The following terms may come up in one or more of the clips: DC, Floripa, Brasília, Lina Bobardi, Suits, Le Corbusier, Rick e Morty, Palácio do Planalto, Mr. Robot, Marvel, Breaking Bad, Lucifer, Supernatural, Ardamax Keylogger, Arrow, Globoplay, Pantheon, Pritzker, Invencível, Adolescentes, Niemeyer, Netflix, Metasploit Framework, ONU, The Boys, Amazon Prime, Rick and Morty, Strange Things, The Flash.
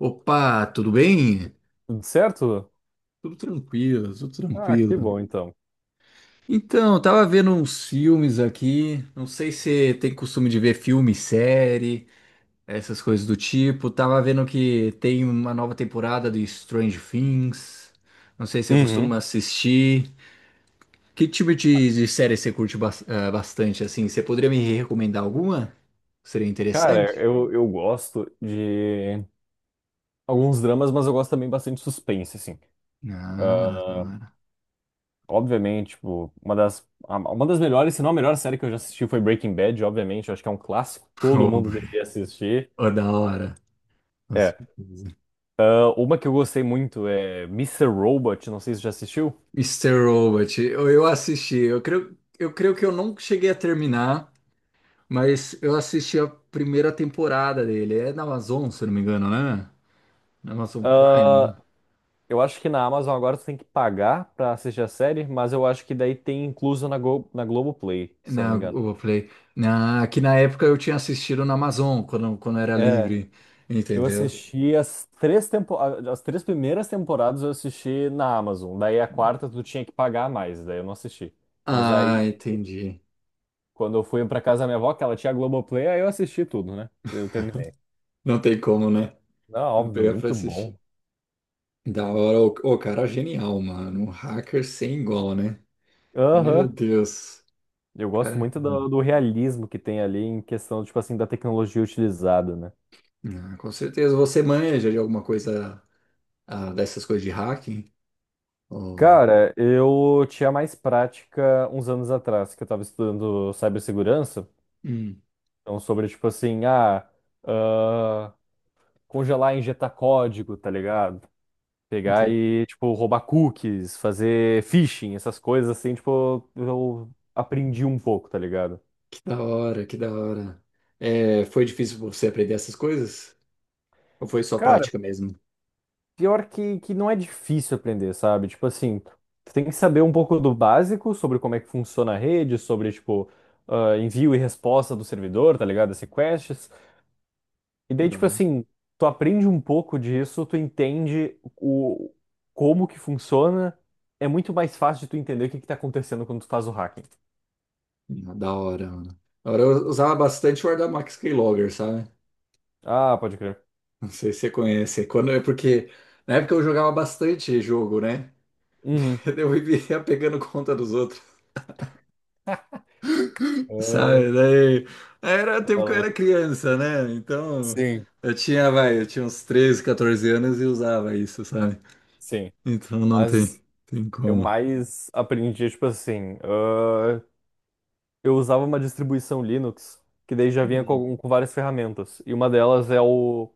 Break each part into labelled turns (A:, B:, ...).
A: Opa, tudo bem?
B: Tudo certo?
A: Tudo tranquilo, tudo
B: Ah, que
A: tranquilo.
B: bom então.
A: Então, eu tava vendo uns filmes aqui. Não sei se você tem costume de ver filme, série, essas coisas do tipo. Tava vendo que tem uma nova temporada de Strange Things. Não sei se você costuma
B: Uhum.
A: assistir. Que tipo de série você curte bastante, assim? Você poderia me recomendar alguma? Seria
B: Cara,
A: interessante?
B: eu, eu gosto de alguns dramas, mas eu gosto também bastante de suspense, assim.
A: Ah, da
B: Ah,
A: hora.
B: Obviamente, tipo, uma das melhores, se não a melhor série que eu já assisti foi Breaking Bad, obviamente. Eu acho que é um clássico, todo mundo deveria assistir.
A: Ô, da hora. Com
B: É.
A: certeza.
B: Ah, uma que eu gostei muito é Mr. Robot, não sei se você já assistiu.
A: Mr. Robot, eu assisti, eu creio que eu não cheguei a terminar, mas eu assisti a primeira temporada dele. É na Amazon, se eu não me engano, né? Na Amazon Prime,
B: Ah, eu acho que na Amazon agora você tem que pagar pra assistir a série, mas eu acho que daí tem incluso na Globoplay,
A: né?
B: se eu não
A: Na
B: me engano.
A: Globoplay. Que na época eu tinha assistido na Amazon, quando era
B: É,
A: livre,
B: eu
A: entendeu?
B: assisti as três primeiras temporadas eu assisti na Amazon. Daí a quarta tu tinha que pagar mais, daí eu não assisti. Mas
A: Ah,
B: aí,
A: entendi.
B: quando eu fui pra casa da minha avó, que ela tinha Globoplay, aí eu assisti tudo, né? Eu terminei.
A: Não tem como, né?
B: Não,
A: Não
B: óbvio,
A: pegar pra
B: muito
A: assistir.
B: bom.
A: Da hora, o cara é genial, mano. Um hacker sem igual, né? Meu
B: Aham.
A: Deus.
B: Eu gosto
A: Cara.
B: muito do realismo que tem ali em questão, tipo assim, da tecnologia utilizada, né?
A: Ah, com certeza. Você manja de alguma coisa dessas coisas de hacking? Oh,
B: Cara, eu tinha mais prática uns anos atrás, que eu tava estudando cibersegurança.
A: hum,
B: Então, sobre, tipo assim, ah, congelar e injetar código, tá ligado? Pegar
A: entendi.
B: e, tipo, roubar cookies, fazer phishing, essas coisas assim, tipo, eu aprendi um pouco, tá ligado?
A: Que da hora, que da hora. É, foi difícil pra você aprender essas coisas? Ou foi só
B: Cara,
A: prática mesmo?
B: pior que não é difícil aprender, sabe? Tipo assim, tu tem que saber um pouco do básico sobre como é que funciona a rede, sobre, tipo, envio e resposta do servidor, tá ligado? As requests. E daí, tipo
A: Da,
B: assim, tu aprende um pouco disso, tu entende o como que funciona. É muito mais fácil de tu entender o que que tá acontecendo quando tu faz o hacking.
A: da hora, mano. Da hora eu usava bastante o Ardamax Keylogger, sabe?
B: Ah, pode crer.
A: Não sei se você conhece. Quando é porque na época eu jogava bastante jogo, né?
B: Uhum.
A: Eu vivia pegando conta dos outros.
B: Ah,
A: Sabe, daí era o
B: tá
A: tempo que eu era
B: louco.
A: criança, né? Então
B: Sim,
A: eu tinha, vai, eu tinha uns 13 14 anos e usava isso, sabe?
B: sim,
A: Então não tem,
B: mas
A: tem
B: eu
A: como.
B: mais aprendi, tipo assim, eu usava uma distribuição Linux que daí já vinha
A: Hum.
B: com várias ferramentas, e uma delas é o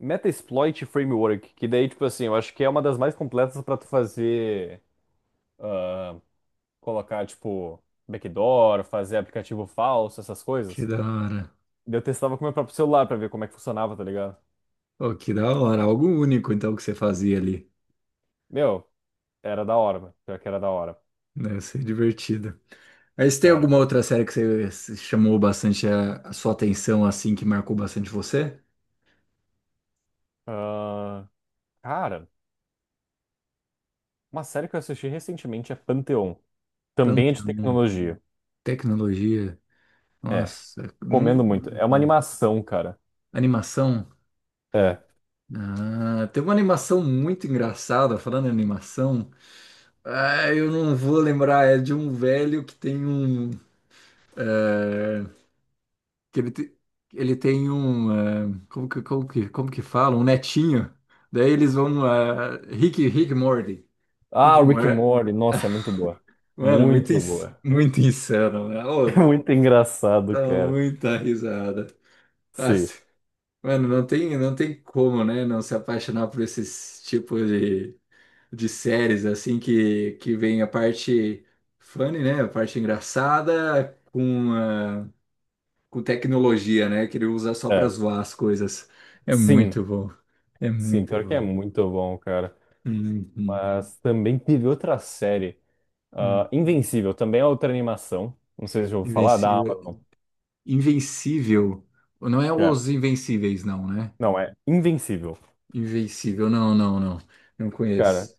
B: Metasploit Framework, que daí, tipo assim, eu acho que é uma das mais completas para tu fazer ah, colocar, tipo, backdoor, fazer aplicativo falso, essas
A: Que
B: coisas.
A: da hora.
B: Daí eu testava com o meu próprio celular pra ver como é que funcionava, tá ligado?
A: Pô, que da hora, algo único então que você fazia ali.
B: Meu, era da hora, mano. Pior que era da hora.
A: Deve ser divertido. Mas tem
B: Era.
A: alguma outra série que você se chamou bastante a sua atenção, assim, que marcou bastante você?
B: Ah, cara, uma série que eu assisti recentemente é Pantheon. Também é de
A: Pantheon,
B: tecnologia.
A: tecnologia,
B: É,
A: nossa, não.
B: comendo muito. É uma animação, cara.
A: Animação.
B: É.
A: Ah, tem uma animação muito engraçada, falando em animação. Ah, eu não vou lembrar, é de um velho que tem um. eh, que ele, ele tem um. Como que fala? Um netinho. Daí eles vão. Rick e Morty.
B: Ah,
A: Rick e
B: Rick and
A: Morty.
B: Morty, nossa, é muito boa.
A: Mano, muito,
B: Muito boa.
A: muito insano, né?
B: É
A: Oh,
B: muito engraçado,
A: dá
B: cara.
A: muita risada. Nossa,
B: Sim,
A: mano, não tem, não tem como, né? Não se apaixonar por esses tipos de séries, assim, que vem a parte funny, né? A parte engraçada com, com tecnologia, né? Que ele usa só para
B: é.
A: zoar as coisas. É
B: Sim,
A: muito bom. É
B: sim,
A: muito
B: pior que é
A: bom.
B: muito bom, cara.
A: Uhum.
B: Mas também teve outra série,
A: Hum.
B: Invencível, também é outra animação. Não sei se eu vou falar, da
A: Invencível.
B: Amazon.
A: Invencível. Não é
B: É,
A: os Invencíveis, não, né?
B: não, é Invencível.
A: Invencível, não, não, não. Não
B: Cara,
A: conheço.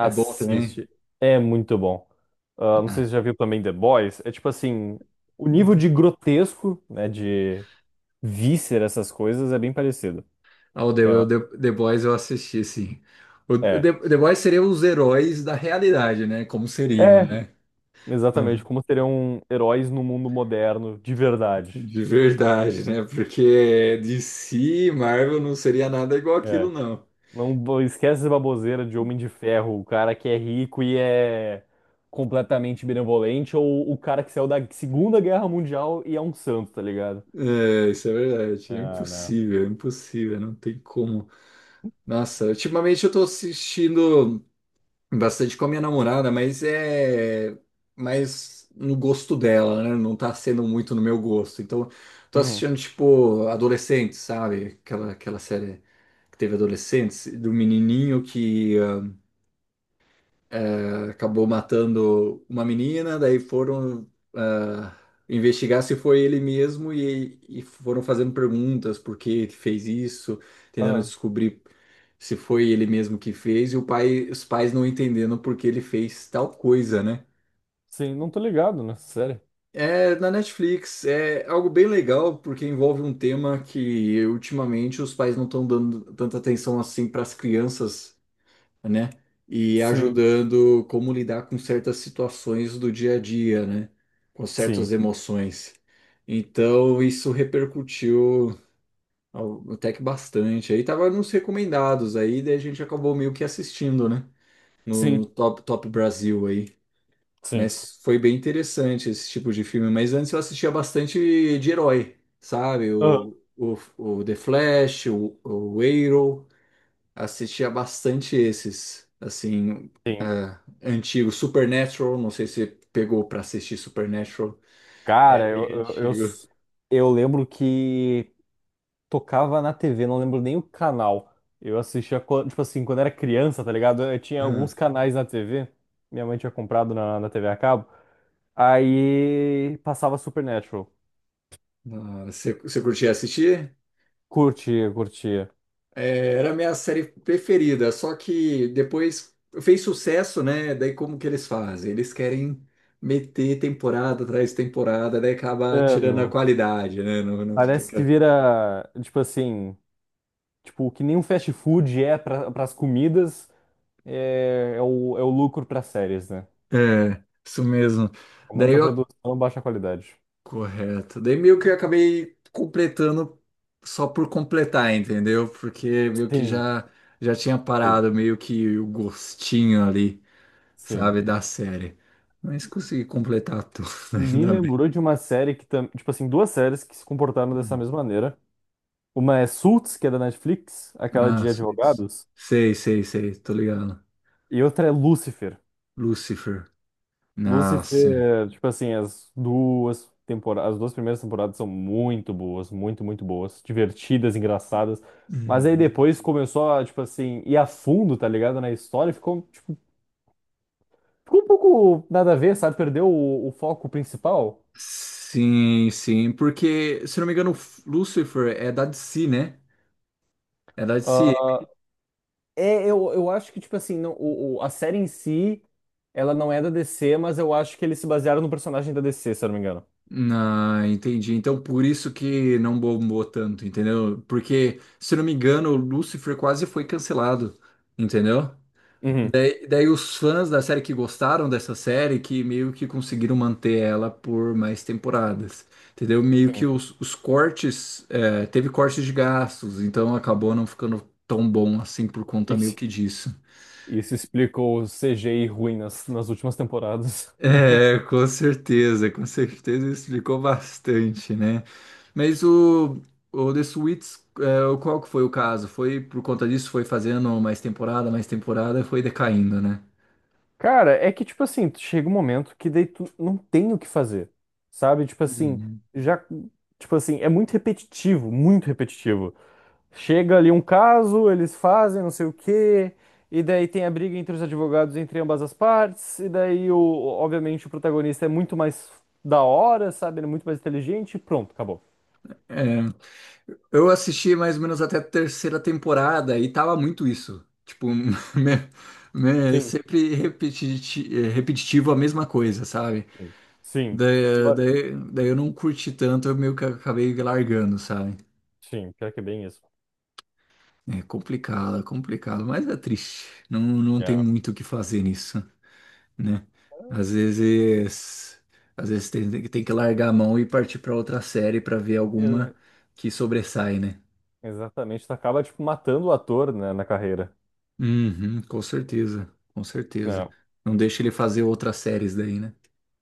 A: É bom também?
B: É muito bom. Ah, não sei
A: Ah.
B: se você já viu também The Boys. É tipo assim, o nível de grotesco, né, de víscera, essas coisas, é bem parecido.
A: Ah,
B: É, uma-
A: The Boys eu assisti, sim.
B: é,
A: The Boys seriam os heróis da realidade, né? Como seriam,
B: é
A: né?
B: exatamente
A: Uhum.
B: como seriam heróis no mundo moderno, de verdade.
A: De verdade, né? Porque DC, Marvel não seria nada igual aquilo,
B: É.
A: não.
B: Não bo- Esquece essa baboseira de Homem de Ferro, o cara que é rico e é completamente benevolente, ou o cara que saiu da Segunda Guerra Mundial e é um santo, tá ligado?
A: É, isso é verdade.
B: Ah, não.
A: É impossível, não tem como. Nossa, ultimamente eu tô assistindo. Bastante com a minha namorada, mas é mais no gosto dela, né? Não tá sendo muito no meu gosto. Então, tô
B: Uhum.
A: assistindo, tipo, Adolescentes, sabe? Aquela série que teve Adolescentes, do menininho que acabou matando uma menina, daí foram ah, investigar se foi ele mesmo e foram fazendo perguntas por que que fez isso, tentando
B: Aham.
A: descobrir se foi ele mesmo que fez e o pai, os pais não entendendo por que ele fez tal coisa, né?
B: Sim, não tô ligado nessa série.
A: É, na Netflix é algo bem legal porque envolve um tema que ultimamente os pais não estão dando tanta atenção assim para as crianças, né? E
B: Sim, hum,
A: ajudando como lidar com certas situações do dia a dia, né? Com
B: sim,
A: certas emoções. Então, isso repercutiu até que bastante. Aí tava nos recomendados aí, daí a gente acabou meio que assistindo, né? No
B: sim,
A: Top Brasil aí.
B: sim.
A: Mas foi bem interessante esse tipo de filme. Mas antes eu assistia bastante de herói, sabe?
B: Aham.
A: O The Flash, o Arrow assistia bastante esses, assim,
B: Sim.
A: antigos. Supernatural, não sei se pegou pra assistir Supernatural. É
B: Cara,
A: bem
B: eu,
A: antigo.
B: s- eu lembro que. Tocava na TV, não lembro nem o canal. Tipo assim, quando era criança, tá ligado? Eu tinha alguns
A: Ah,
B: canais na TV. Minha mãe tinha comprado na TV a cabo. Aí passava Supernatural.
A: você curtia assistir?
B: Curtia, curtia.
A: É, era a minha série preferida, só que depois fez sucesso, né? Daí como que eles fazem? Eles querem meter temporada atrás de temporada, daí acaba
B: É,
A: tirando a qualidade, né? Não, não fica...
B: parece que
A: aquela-
B: vira, tipo assim, tipo, o que nem um fast food é para as comidas, é o lucro para séries, né?
A: É, isso mesmo. Daí
B: Aumenta a
A: eu
B: produção, baixa a qualidade.
A: Correto. Daí meio que eu acabei completando só por completar, entendeu? Porque meio que
B: Sim,
A: já já tinha
B: sim,
A: parado meio que o gostinho ali,
B: sim.
A: sabe, da série. Mas consegui completar tudo,
B: Me
A: ainda bem.
B: lembrou de uma série tipo assim, duas séries que se comportaram dessa
A: Hum.
B: mesma maneira. Uma é Suits, que é da Netflix, aquela
A: Ah,
B: de
A: sei,
B: advogados,
A: sei, sei, sei, tô ligado.
B: e outra é Lucifer.
A: Lucifer. Ah, sim.
B: Lucifer, tipo assim, as duas primeiras temporadas são muito boas, muito, muito boas, divertidas, engraçadas. Mas aí
A: Uhum.
B: depois começou a, tipo assim, ir a fundo, tá ligado, na história, ficou, tipo, ficou um pouco nada a ver, sabe? Perdeu o foco principal.
A: Sim, sim, porque, se não me engano, Lucifer é da DC, né? É da DC.
B: Ah, é, eu acho que, tipo assim, não, a série em si, ela não é da DC, mas eu acho que eles se basearam no personagem da DC, se eu não me engano.
A: Ah, entendi. Então, por isso que não bombou tanto, entendeu? Porque, se não me engano, o Lucifer quase foi cancelado, entendeu?
B: Uhum,
A: Daí os fãs da série que gostaram dessa série, que meio que conseguiram manter ela por mais temporadas, entendeu? Meio que
B: sim.
A: os cortes, teve cortes de gastos, então acabou não ficando tão bom assim por conta meio
B: Isso,
A: que disso.
B: isso explica o CGI ruim nas, nas últimas temporadas.
A: É, com certeza explicou bastante, né? Mas o The Suits, é, qual que foi o caso? Foi por conta disso, foi fazendo mais temporada, foi decaindo, né?
B: Cara, é que, tipo assim, chega um momento que daí tu não tem o que fazer, sabe? Tipo assim,
A: Uhum.
B: já, tipo assim, é muito repetitivo, muito repetitivo. Chega ali um caso, eles fazem não sei o quê, e daí tem a briga entre os advogados entre ambas as partes, e daí, o, obviamente, o protagonista é muito mais da hora, sabe? Ele é muito mais inteligente, e pronto, acabou.
A: É, eu assisti mais ou menos até a terceira temporada e tava muito isso. Tipo,
B: Sim,
A: sempre repetitivo a mesma coisa, sabe?
B: sim, sim. E
A: Daí,
B: olha,
A: daí, daí eu não curti tanto, eu meio que acabei largando, sabe?
B: sim, pior que é bem isso.
A: É complicado, mas é triste. Não, não tem
B: É.
A: muito o que fazer nisso, né? Às vezes, às vezes tem, que largar a mão e partir para outra série para ver alguma
B: Ex-
A: que sobressai, né?
B: Exatamente, tu acaba, tipo, matando o ator, né, na carreira.
A: Uhum, com certeza, com certeza.
B: É,
A: Não deixa ele fazer outras séries daí, né?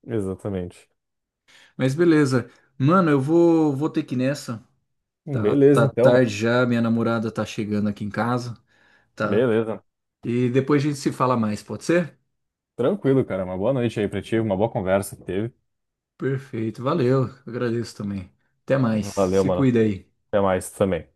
B: exatamente.
A: Mas beleza. Mano, eu vou ter que ir nessa. Tá,
B: Beleza,
A: tá
B: então,
A: tarde
B: mano.
A: já, minha namorada tá chegando aqui em casa, tá?
B: Beleza.
A: E depois a gente se fala mais, pode ser?
B: Tranquilo, cara. Uma boa noite aí pra ti, uma boa conversa que teve.
A: Perfeito, valeu, eu agradeço também. Até mais,
B: Valeu,
A: se
B: mano.
A: cuida aí.
B: Até mais também.